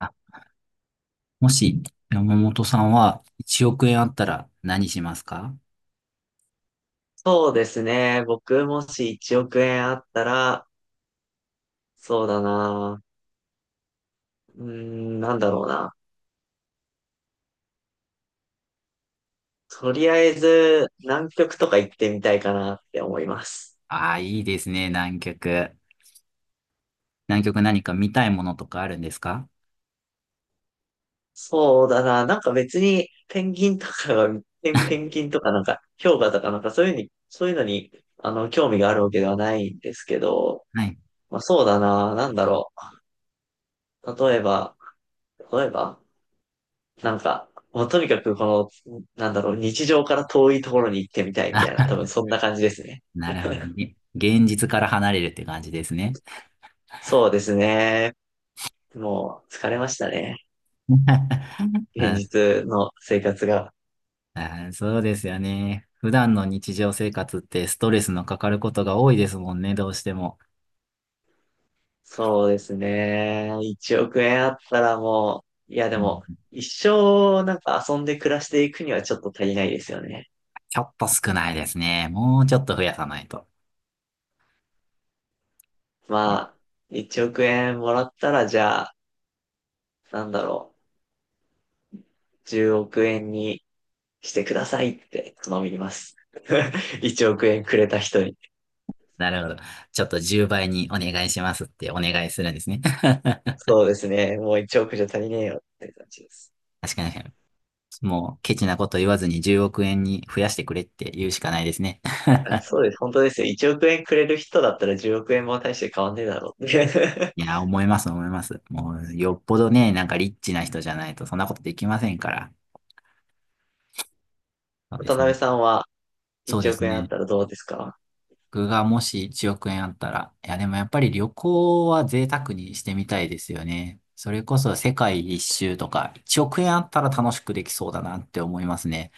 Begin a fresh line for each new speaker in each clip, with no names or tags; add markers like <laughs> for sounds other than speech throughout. あもし、山本さんは1億円あったら何しますか？
そうですね。僕もし1億円あったら、そうだな。うーん、なんだろうな。とりあえず、南極とか行ってみたいかなって思います。
ああー、いいですね、南極。南極何か見たいものとかあるんですか？
そうだな。なんか別に、ペンギンとかが、ペンギンとかなんか、氷河とかなんかそういうに、そういうのに、興味があるわけではないんですけど、
はい。
まあそうだな。なんだろう。例えば、なんか、もうとにかくこの、なんだろう、日常から遠いところに行ってみたいみたいな、
あ、
多分そんな感じですね。
なるほどね。現実から離れるって感じですね。
そうですね。もう疲れましたね。
<laughs>
現
あ、
実の生活が。
あ、そうですよね。普段の日常生活ってストレスのかかることが多いですもんね、どうしても。
そうですね。1億円あったらもう、いやで
うん、
も、一生なんか遊んで暮らしていくにはちょっと足りないですよね。
ちょっと少ないですね。もうちょっと増やさないと。ね。
まあ、1億円もらったらじゃあ、なんだろう、10億円にしてくださいって頼みます。<laughs> 1億円くれた人に。
なるほど。ちょっと10倍にお願いしますってお願いするんですね。<laughs>
そうですね。もう1億じゃ足りねえよって感じです。
確かに。もうケチなこと言わずに10億円に増やしてくれって言うしかないですね。
あ、
<laughs>
そうです。本当ですよ。1億円くれる人だったら10億円も大して変わんねえだろうって。
い
<laughs>
や、思います思います。もうよっぽどね、なんかリッチな人じゃないとそんなことできませんから。そうで
渡
す
辺
ね。
さんは
そう
1
です
億円あっ
ね。
たらどうですか？
僕がもし1億円あったら、いやでもやっぱり旅行は贅沢にしてみたいですよね。それこそ世界一周とか1億円あったら楽しくできそうだなって思いますね。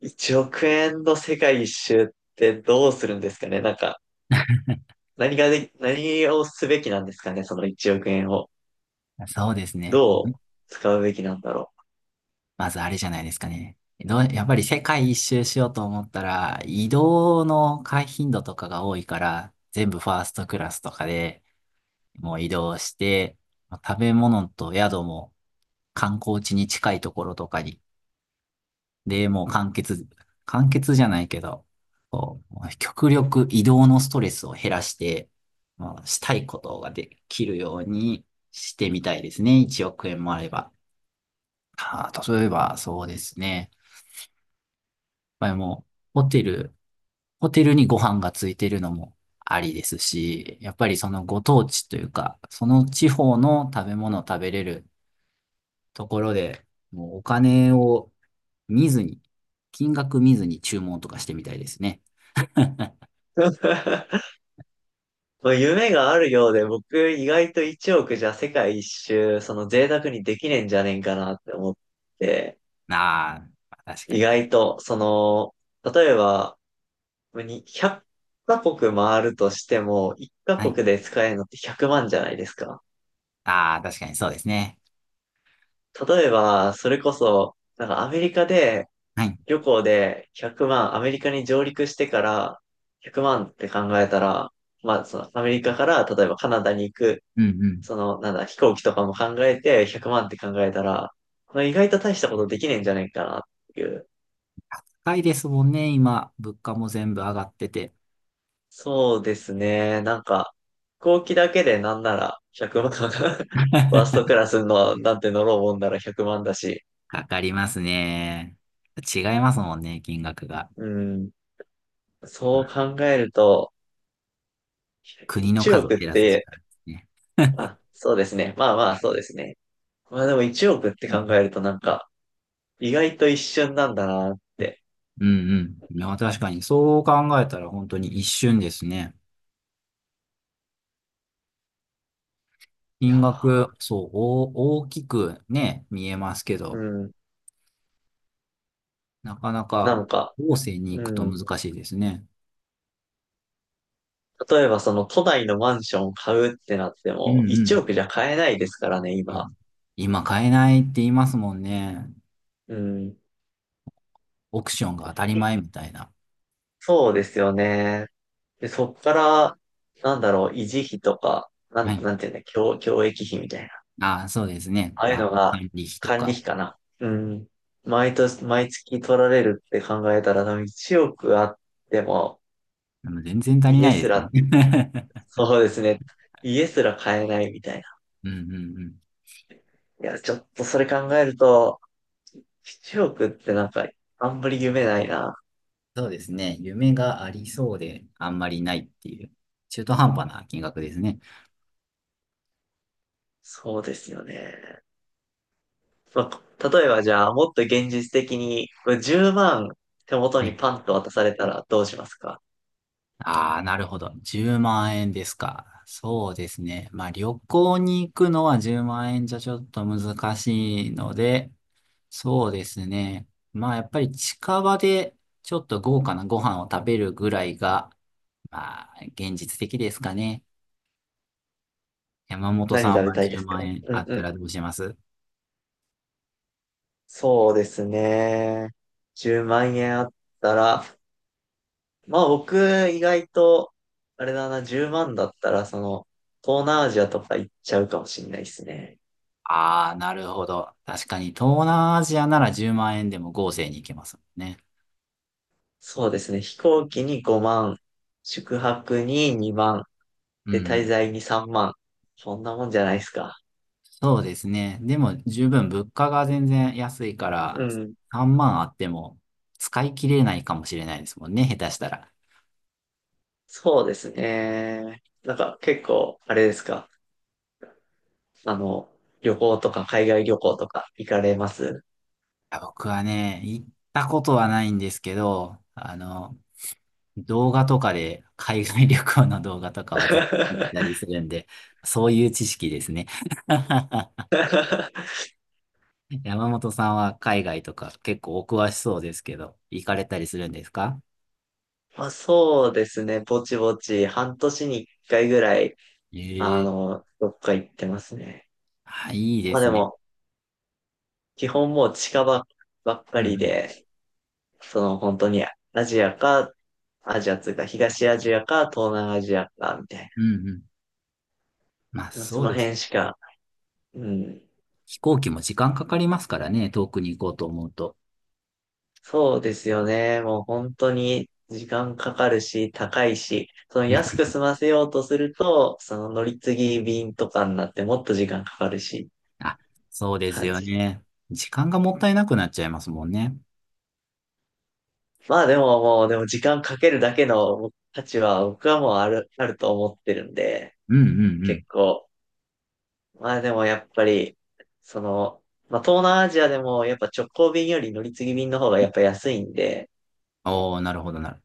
1 億円の世界一周ってどうするんですかね？なんか、何がで、何をすべきなんですかね？その1億円を。
そうですね。
どう使うべきなんだろ
まずあれじゃないですかね。やっぱり世界一周しようと思ったら、移動の回頻度とかが多いから、全部ファーストクラスとかでもう移動して、食べ物と宿も観光地に近いところとかに、で、もう完結、完結じゃないけど、こう、極力移動のストレスを減らして、まあ、したいことができるようにしてみたいですね。1億円もあれば。ああ、例えば、そうですね。ぱりもう、ホテルにご飯がついてるのもありですし、やっぱりそのご当地というか、その地方の食べ物を食べれるところで、もうお金を見ずに、金額見ずに注文とかしてみたいですね。
う。<laughs> まあ夢があるようで、僕意外と1億じゃ世界一周、その贅沢にできねえんじゃねえんかなって思って、
あーまあ、確か
意
に。
外と、その、例えば、に100カ国回るとしても、1カ
は
国
い。
で使えるのって100万じゃないですか。
ああ、確かにそうですね。
例えば、それこそ、なんかアメリカで、
はい。
旅行で100万、アメリカに上陸してから100万って考えたら、まあ、そのアメリカから例えばカナダに行く、
うんうん。
その、なんだ、飛行機とかも考えて100万って考えたら、まあ、意外と大したことできねえんじゃないかなっていう。
高いですもんね、今。物価も全部上がってて。
そうですね。なんか、飛行機だけでなんなら100万、<laughs> ファーストク
<laughs>
ラスの、なんて乗ろうもんなら100万だし。
かかりますね。違いますもんね、金額が。
うん。
う
そ
ん。
う考えると、
国の
1
数を
億っ
減らすし
て、
かないですね。
あ、そうですね。まあまあ、そうですね。まあでも1億って考えるとなんか、意外と一瞬なんだなって。
うんうん。いや、確かに、そう考えたら本当に一瞬ですね。
いや
金額、
ー、
そう、お大きくね、見えますけ
う
ど、
ん。
なかな
な
か
んか、
後世に
う
行くと
ん。
難しいですね。
例えばその都内のマンション買うってなって
うんう
も、1
ん。
億じゃ買えないですからね、
も
今。
う今買えないって言いますもんね。
うん。
オークションが当たり前みたいな。
そうですよね。で、そっから、なんだろう、維持費とか、な
は
ん、
い。
なんていうんだ、教育費みたいな。
ああ、そうですね。
ああい
ま
う
あ、
のが、
管理費と
管理
か。
費かな。うん。毎年、毎月取られるって考えたら、多分1億あっても、
でも全然足り
家
ないで
す
すね。
ら、
<laughs>
そうですね。家すら買えないみたいな。
うんうんうん。
いや、ちょっとそれ考えると、1億ってなんか、あんまり夢ないな。
そうですね。夢がありそうで、あんまりないっていう、中途半端な金額ですね。
そうですよね。まあ、例えばじゃあ、もっと現実的に、これ10万手元
は
に
い。
パンと渡されたらどうしますか？
ああ、なるほど。10万円ですか。そうですね。まあ、旅行に行くのは10万円じゃちょっと難しいので、そうですね。まあ、やっぱり近場でちょっと豪華なご飯を食べるぐらいが、まあ、現実的ですかね。山本さ
何
ん
食べ
は
たいで
10
すか？
万円
う
あ
ん
っ
う
た
ん。
らどうします？
そうですね。10万円あったら、まあ僕意外と、あれだな、10万だったら、東南アジアとか行っちゃうかもしれないですね。
ああ、なるほど。確かに、東南アジアなら10万円でも豪勢に行けますもんね。
そうですね。飛行機に5万、宿泊に2万、
う
で、滞
ん。
在に3万。そんなもんじゃないですか。
そうですね。でも、十分物価が全然安いから、
うん。
3万あっても使い切れないかもしれないですもんね、下手したら。い
そうですね。なんか結構、あれですか。あの、旅行とか海外旅行とか行かれます？
や、僕はね、行ったことはないんですけど、動画とかで、海外旅行の動画とかはずっと見てた
<laughs>
りするんで、そういう知識ですね。<laughs> <laughs> 山本さんは海外とか結構お詳しそうですけど、行かれたりするんですか？
まあ、そうですね。ぼちぼち、半年に一回ぐらい、
ええ。
どっか行ってますね。
あ、いいで
まあで
すね。
も、基本もう近場ばっか
うん
り
うん。
で、その本当にアジアか、アジアというか東アジアか東南アジアか、みたい
うんうん。まあ
な。
そ
そ
う
の
です。
辺しか、うん、
飛行機も時間かかりますからね、遠くに行こうと思うと。
そうですよね。もう本当に時間かかるし、高いし、その
うん
安
うん。
く済ませようとすると、その乗り継ぎ便とかになってもっと時間かかるし、
あ、そうです
感
よ
じで。
ね。時間がもったいなくなっちゃいますもんね。
まあでももう、でも時間かけるだけの価値は僕はもうあると思ってるんで、
うんうんうん。
結構。まあでもやっぱり、その、まあ東南アジアでもやっぱ直行便より乗り継ぎ便の方がやっぱ安いんで、
おー、なるほどなるほ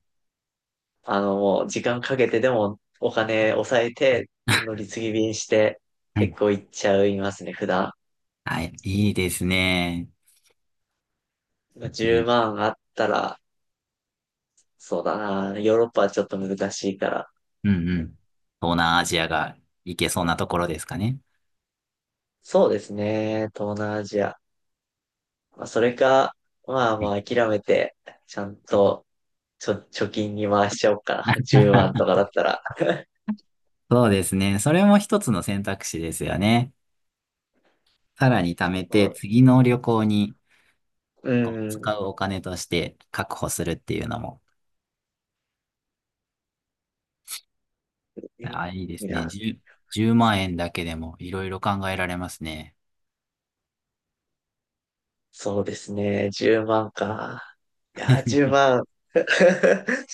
もう時間かけてでもお金抑えて、乗り継ぎ便して
ど。はい。
結構行っちゃいますね、普段。
はい、いいですね。そうです
10
ね。
万あったら、そうだな、ヨーロッパはちょっと難しいから。
うんうん。東南アジアが行けそうなところですかね。
そうですね、東南アジア。まあ、それか、まあまあ諦めて、ちゃんと、貯金に回しちゃおうかな。<laughs> 10万
<laughs>
とかだったら。
そうですね。それも一つの選択肢ですよね。さらに貯めて、
<laughs>
次の旅行に
う
こう
ん、
使うお金として確保するっていうのも、あ、いいで
い
すね。
や、
10万円だけでもいろいろ考えられますね。
そうですね、10万か。いや、10万。<laughs>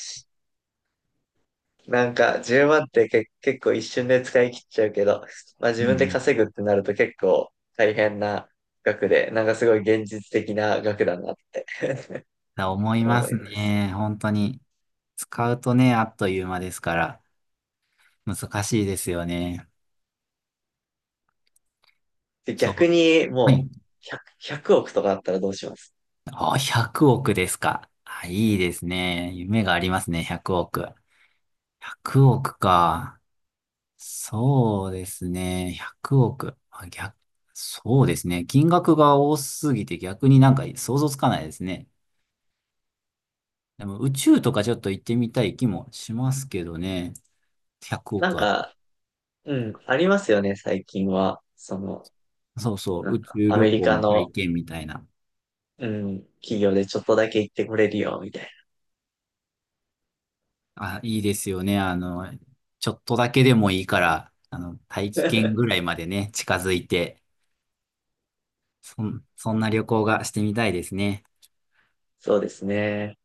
なんか10万って結構一瞬で使い切っちゃうけど、まあ
う
自分で
ん。
稼ぐってなると結構大変な額で、なんかすごい現実的な額だなって
だ思いま
思
す
います。
ね。本当に。使うとね、あっという間ですから、難しいですよね。
で、
そ
逆
う。
に
は
もう
い。
100億とかあったらどうします？
あ、100億ですか。あ、いいですね。夢がありますね、100億。100億か。そうですね。100億。あ、逆、そうですね。金額が多すぎて逆になんか想像つかないですね。でも宇宙とかちょっと行ってみたい気もしますけどね。100
なん
億は。
か、うん、ありますよね、最近は。
そうそ
な
う。宇
んか
宙
ア
旅
メリ
行
カ
の体
の、
験みたいな。
うん、企業でちょっとだけ行ってこれるよ、みたい
あ、いいですよね。ちょっとだけでもいいから、大
な。
気圏
<laughs>
ぐらいまでね、近づいて、そんな旅行がしてみたいですね。
そうですね。